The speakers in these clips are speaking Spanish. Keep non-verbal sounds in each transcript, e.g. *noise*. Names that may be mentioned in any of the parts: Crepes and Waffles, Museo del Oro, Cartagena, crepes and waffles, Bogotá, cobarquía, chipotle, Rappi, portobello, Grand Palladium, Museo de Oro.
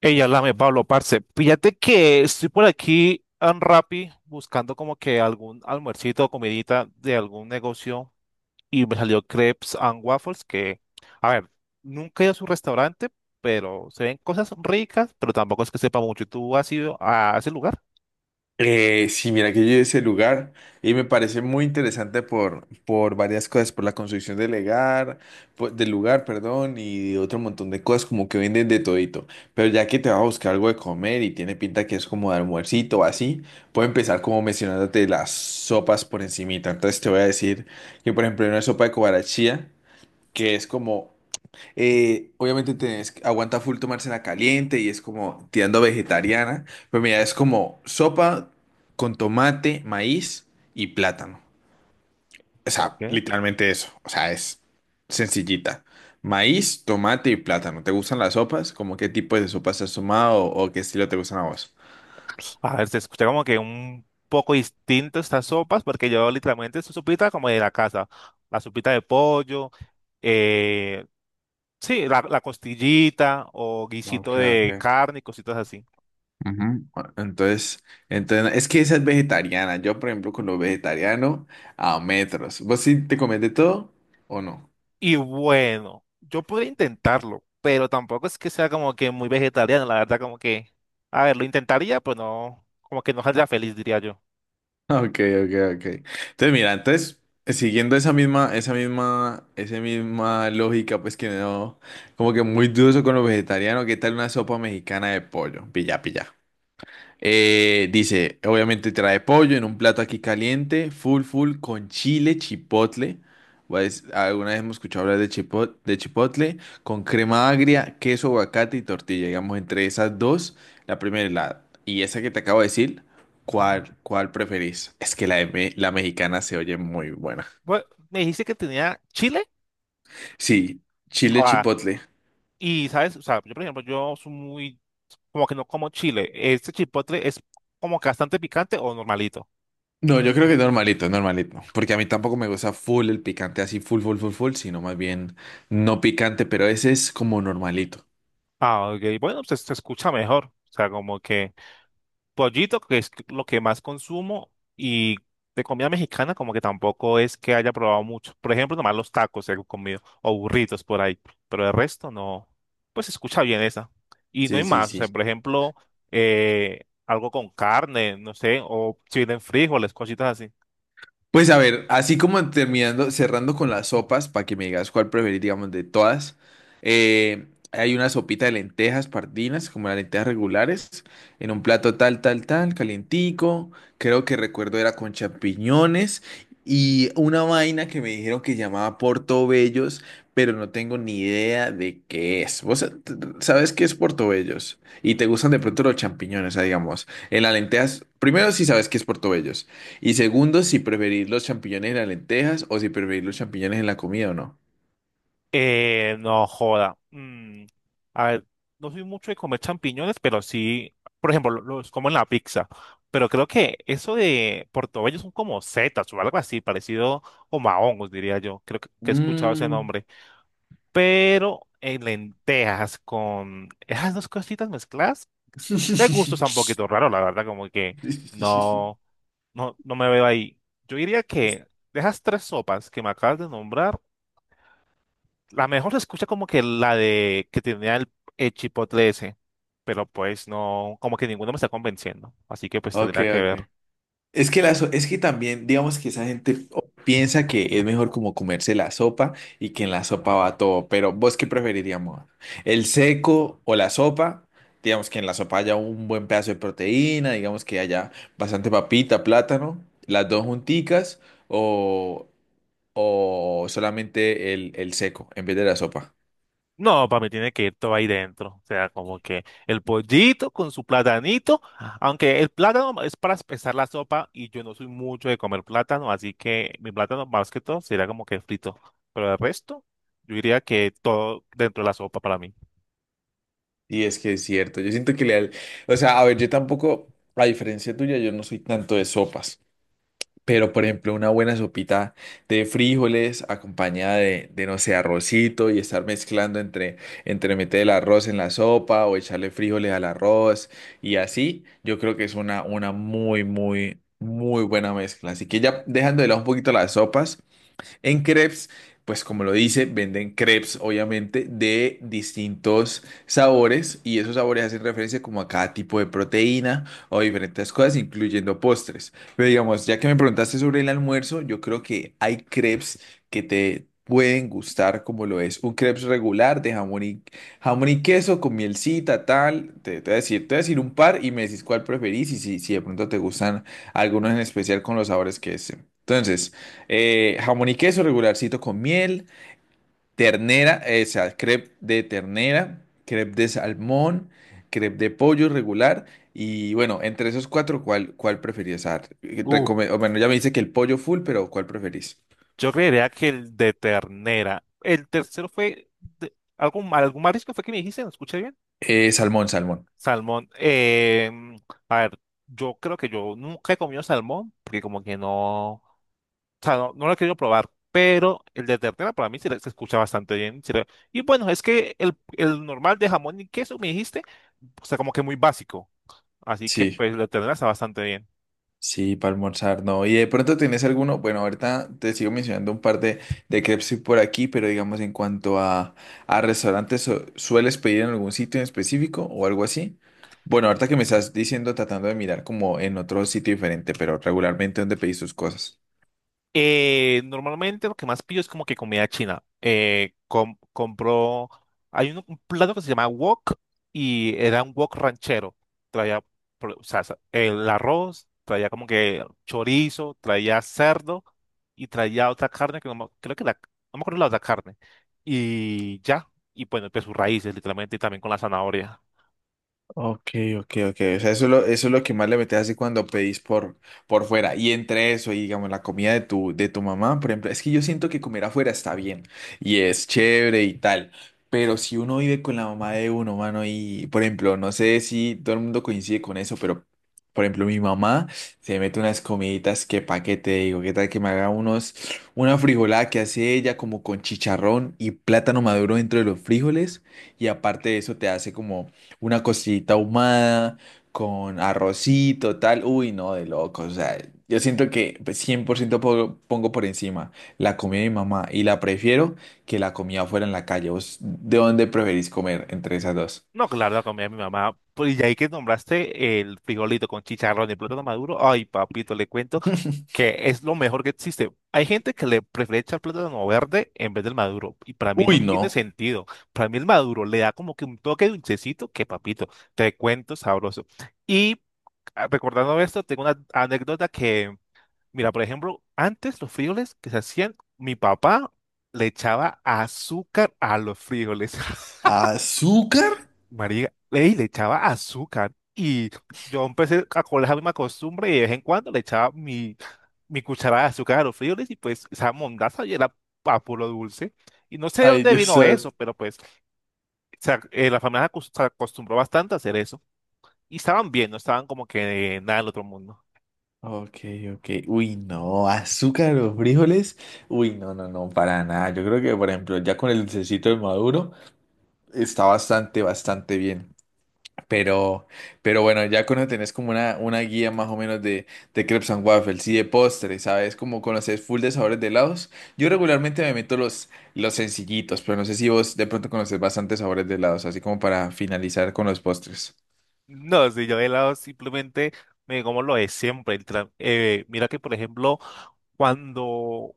Ella lame, Pablo, parce. Fíjate que estoy por aquí en Rappi buscando como que algún almuercito o comidita de algún negocio y me salió Crepes and Waffles que, a ver, nunca he ido a su restaurante, pero se ven cosas ricas, pero tampoco es que sepa mucho. ¿Tú has ido a ese lugar? Sí, mira que yo he a ese lugar y me parece muy interesante por varias cosas, por la construcción del lugar, del lugar, perdón, y otro montón de cosas como que venden de todito. Pero ya que te vas a buscar algo de comer y tiene pinta que es como de almuercito o así, puedo empezar como mencionándote las sopas por encimita. Entonces te voy a decir que por ejemplo hay una sopa de cobarachía que es como obviamente tenés, aguanta full tomársela caliente y es como tirando vegetariana. Pero mira, es como sopa con tomate, maíz y plátano. O sea, Ok. literalmente eso. O sea, es sencillita. Maíz, tomate y plátano. ¿Te gustan las sopas? ¿Cómo qué tipo de sopas has tomado o qué estilo te gustan a vos? A ver, se escucha como que un poco distinto estas sopas, porque yo literalmente es sopita como de la casa. La sopita de pollo, eh, sí, la costillita o guisito Ok, de ok. carne y cositas así. Ujú. Bueno, entonces, es que esa es vegetariana. Yo, por ejemplo, con lo vegetariano, a metros. ¿Vos sí te comes de todo o no? Y bueno, yo podría intentarlo, pero tampoco es que sea como que muy vegetariano, la verdad, como que, a ver, lo intentaría, pero no, como que no saldría feliz, diría yo. Ok, ok, ok. Entonces, mira, entonces, siguiendo esa misma lógica, pues que no, como que muy dudoso con lo vegetariano, ¿qué tal una sopa mexicana de pollo? Pilla, pilla. Dice, obviamente trae pollo en un plato aquí caliente, full full con chile chipotle. Pues, alguna vez hemos escuchado hablar de chipotle, con crema agria, queso, aguacate y tortilla. Digamos, entre esas dos, la primera y la y esa que te acabo de decir, ¿cuál preferís? Es que la mexicana se oye muy buena. Bueno, me dijiste que tenía chile. Sí, chile Ah, chipotle. y sabes, o sea, yo por ejemplo, yo soy muy, como que no como chile. ¿Este chipotle es como que bastante picante o normalito? No, yo creo que es normalito, es normalito. Porque a mí tampoco me gusta full el picante, así full, sino más bien no picante, pero ese es como normalito. Ah, ok, bueno, pues se escucha mejor. O sea, como que pollito, que es lo que más consumo, y de comida mexicana como que tampoco es que haya probado mucho. Por ejemplo, nomás los tacos he comido, o burritos por ahí, pero el resto no, pues se escucha bien esa. Y no Sí, hay sí, más, o sea, sí. por ejemplo, algo con carne, no sé, o si vienen frijoles, cositas así. Pues a ver, así como terminando, cerrando con las sopas, para que me digas cuál preferís, digamos, de todas. eh, hay una sopita de lentejas pardinas, como las lentejas regulares, en un plato tal, calientico. Creo que recuerdo era con champiñones y una vaina que me dijeron que llamaba portobellos, pero no tengo ni idea de qué es. ¿ Sabes qué es portobellos? Y te gustan de pronto los champiñones, o sea, digamos, en las lentejas. Primero, si sabes qué es portobellos. Y segundo, si preferís los champiñones en las lentejas o si preferís los champiñones en la comida o no. No joda. A ver, no soy mucho de comer champiñones, pero sí, por ejemplo, los como en la pizza. Pero creo que eso de portobello son como setas o algo así, parecido como a hongos, diría yo. Creo que he escuchado ese Mm. nombre. Pero en lentejas con esas dos cositas mezcladas, de gusto está un *laughs* poquito raro, la verdad, como que no, no, no me veo ahí. Yo diría que de esas tres sopas que me acabas de nombrar, la mejor se escucha como que la de que tenía el chipotle ese, pero pues no, como que ninguno me está convenciendo, así que pues Ok, tendría que ok. ver. Es que también, digamos que esa gente piensa que es mejor como comerse la sopa y que en la sopa va todo, pero ¿vos qué preferiríamos? ¿El seco o la sopa? Digamos que en la sopa haya un buen pedazo de proteína, digamos que haya bastante papita, plátano, las dos junticas, o o solamente el seco en vez de la sopa. No, para mí tiene que ir todo ahí dentro. O sea, como que el pollito con su platanito, aunque el plátano es para espesar la sopa y yo no soy mucho de comer plátano, así que mi plátano más que todo sería como que frito. Pero el resto, yo diría que todo dentro de la sopa para mí. Y es que es cierto, yo siento que o sea, a ver, yo tampoco, a diferencia tuya, yo no soy tanto de sopas, pero por ejemplo, una buena sopita de frijoles acompañada de no sé, arrocito y estar mezclando entre meter el arroz en la sopa o echarle frijoles al arroz y así, yo creo que es una muy buena mezcla. Así que ya dejando de lado un poquito las sopas. En crepes, pues como lo dice, venden crepes, obviamente, de distintos sabores y esos sabores hacen referencia como a cada tipo de proteína o diferentes cosas, incluyendo postres. Pero digamos, ya que me preguntaste sobre el almuerzo, yo creo que hay crepes que te pueden gustar, como lo es un crepes regular jamón y queso con mielcita, tal. Te voy a decir, te voy a decir un par y me decís cuál preferís y si de pronto te gustan algunos en especial con los sabores que es. Entonces, jamón y queso regularcito con miel, ternera, o sea, crepe de ternera, crepe de salmón, crepe de pollo regular. Y bueno, entre esos cuatro, ¿cuál preferís? Uh, Ya me dice que el pollo full, pero ¿cuál preferís? yo creería que el de ternera. El tercero fue de- algún, algún marisco fue que me dijiste, ¿no escuché bien? Salmón, salmón. Salmón. A ver, yo creo que yo nunca he comido salmón, porque como que no, o sea, no, no lo he querido probar, pero el de ternera para mí se escucha bastante bien. Y bueno, es que el normal de jamón y queso, me dijiste, o sea, como que muy básico. Así que Sí. pues el de ternera está bastante bien. Sí, para almorzar, no. Y de pronto tienes alguno, bueno, ahorita te sigo mencionando un par de crepes por aquí, pero digamos en cuanto a restaurantes, ¿sueles pedir en algún sitio en específico o algo así? Bueno, ahorita que me estás diciendo, tratando de mirar como en otro sitio diferente, pero regularmente ¿dónde pedís tus cosas? Normalmente lo que más pillo es como que comida china. Compro, hay un plato que se llama wok y era un wok ranchero. Traía el arroz, traía como que chorizo, traía cerdo y traía otra carne que no me- creo que no me acuerdo la otra carne. Y ya, y bueno, pues sus raíces literalmente y también con la zanahoria. Ok, ok, ok. O sea, eso es lo que más le metes así cuando pedís por fuera. Y entre eso, y digamos, la comida de tu mamá, por ejemplo, es que yo siento que comer afuera está bien y es chévere y tal. Pero si uno vive con la mamá de uno, mano, y por ejemplo, no sé si todo el mundo coincide con eso, pero por ejemplo, mi mamá se mete unas comiditas que pa' qué te digo, qué tal que me haga una frijolada que hace ella como con chicharrón y plátano maduro dentro de los frijoles. Y aparte de eso, te hace como. Una costillita ahumada con arrocito, tal. Uy, no, de loco. O sea, yo siento que pues, pongo por encima la comida de mi mamá y la prefiero que la comida fuera en la calle. ¿Vos de dónde preferís comer entre esas dos? No, claro, la comida de mi mamá. Pues, y ahí que nombraste el frijolito con chicharrón y plátano maduro. Ay, papito, le cuento que es lo mejor que existe. Hay gente que le prefiere echar plátano verde en vez del maduro, y para mí no Uy, tiene no. sentido. Para mí el maduro le da como que un toque dulcecito que papito, te cuento sabroso. Y ah, recordando esto, tengo una anécdota que, mira, por ejemplo, antes los frijoles que se hacían, mi papá le echaba azúcar a los frijoles. *laughs* ¿Azúcar? María, ey, le echaba azúcar y yo empecé a coger la misma costumbre y de vez en cuando le echaba mi cucharada de azúcar a los frijoles y pues esa mondaza y era a puro dulce. Y no sé de Ay, dónde Dios vino eso, santo. pero pues la familia se acostumbró bastante a hacer eso. Y estaban bien, no estaban como que nada del otro mundo. Ok, ok. Uy, no. ¿Azúcar o frijoles? Uy, no, no, no, para nada. Yo creo que, por ejemplo, ya con el dulcecito de maduro está bastante, bastante bien. Pero, pero bueno, ya cuando tenés como una guía más o menos de crepes and waffles y de postres, ¿sabes? Como conoces full de sabores de helados. Yo regularmente me meto los sencillitos, pero no sé si vos de pronto conoces bastantes sabores de helados, así como para finalizar con los postres. No, si yo de helado simplemente me como lo de siempre. Literal. Mira que, por ejemplo, cuando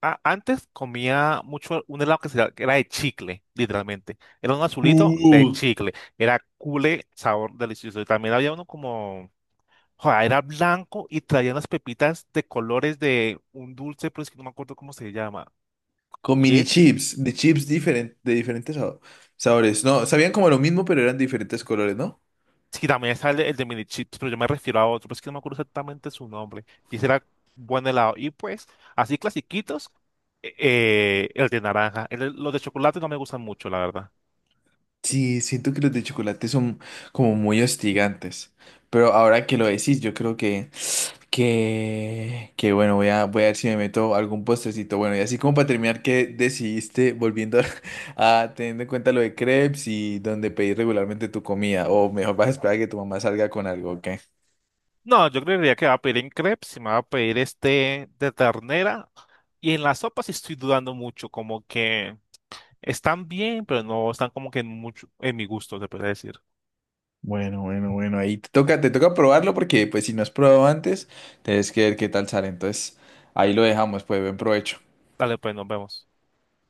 antes comía mucho un helado que era de chicle, literalmente. Era un azulito de Uh, chicle. Era cule, sabor delicioso. Y también había uno como joder, era blanco y traía unas pepitas de colores de un dulce, pero es que no me acuerdo cómo se llama. con Y mini es, chips, de diferentes sabores. No, sabían como lo mismo, pero eran diferentes colores, ¿no? sí, también sale el de mini chips, pero yo me refiero a otro, pero es que no me acuerdo exactamente su nombre. Y ese era buen helado. Y pues, así clasiquitos, el de naranja. Los de chocolate no me gustan mucho, la verdad. Sí, siento que los de chocolate son como muy hostigantes. Pero ahora que lo decís, yo creo que... Que bueno, voy a ver si me meto algún postrecito. Bueno, y así como para terminar, ¿qué decidiste volviendo *laughs* a, teniendo en cuenta lo de crepes y donde pedís regularmente tu comida? O mejor vas a esperar a que tu mamá salga con algo, ¿ok? No, yo creería que va a pedir en crepes y me va a pedir este de ternera. Y en la sopa sí estoy dudando mucho, como que están bien, pero no están como que en mucho en mi gusto, se puede decir. Bueno, bueno, bueno, ahí te toca probarlo porque pues si no has probado antes, tienes que ver qué tal sale. Entonces, ahí lo dejamos, pues buen provecho. Dale, pues nos vemos.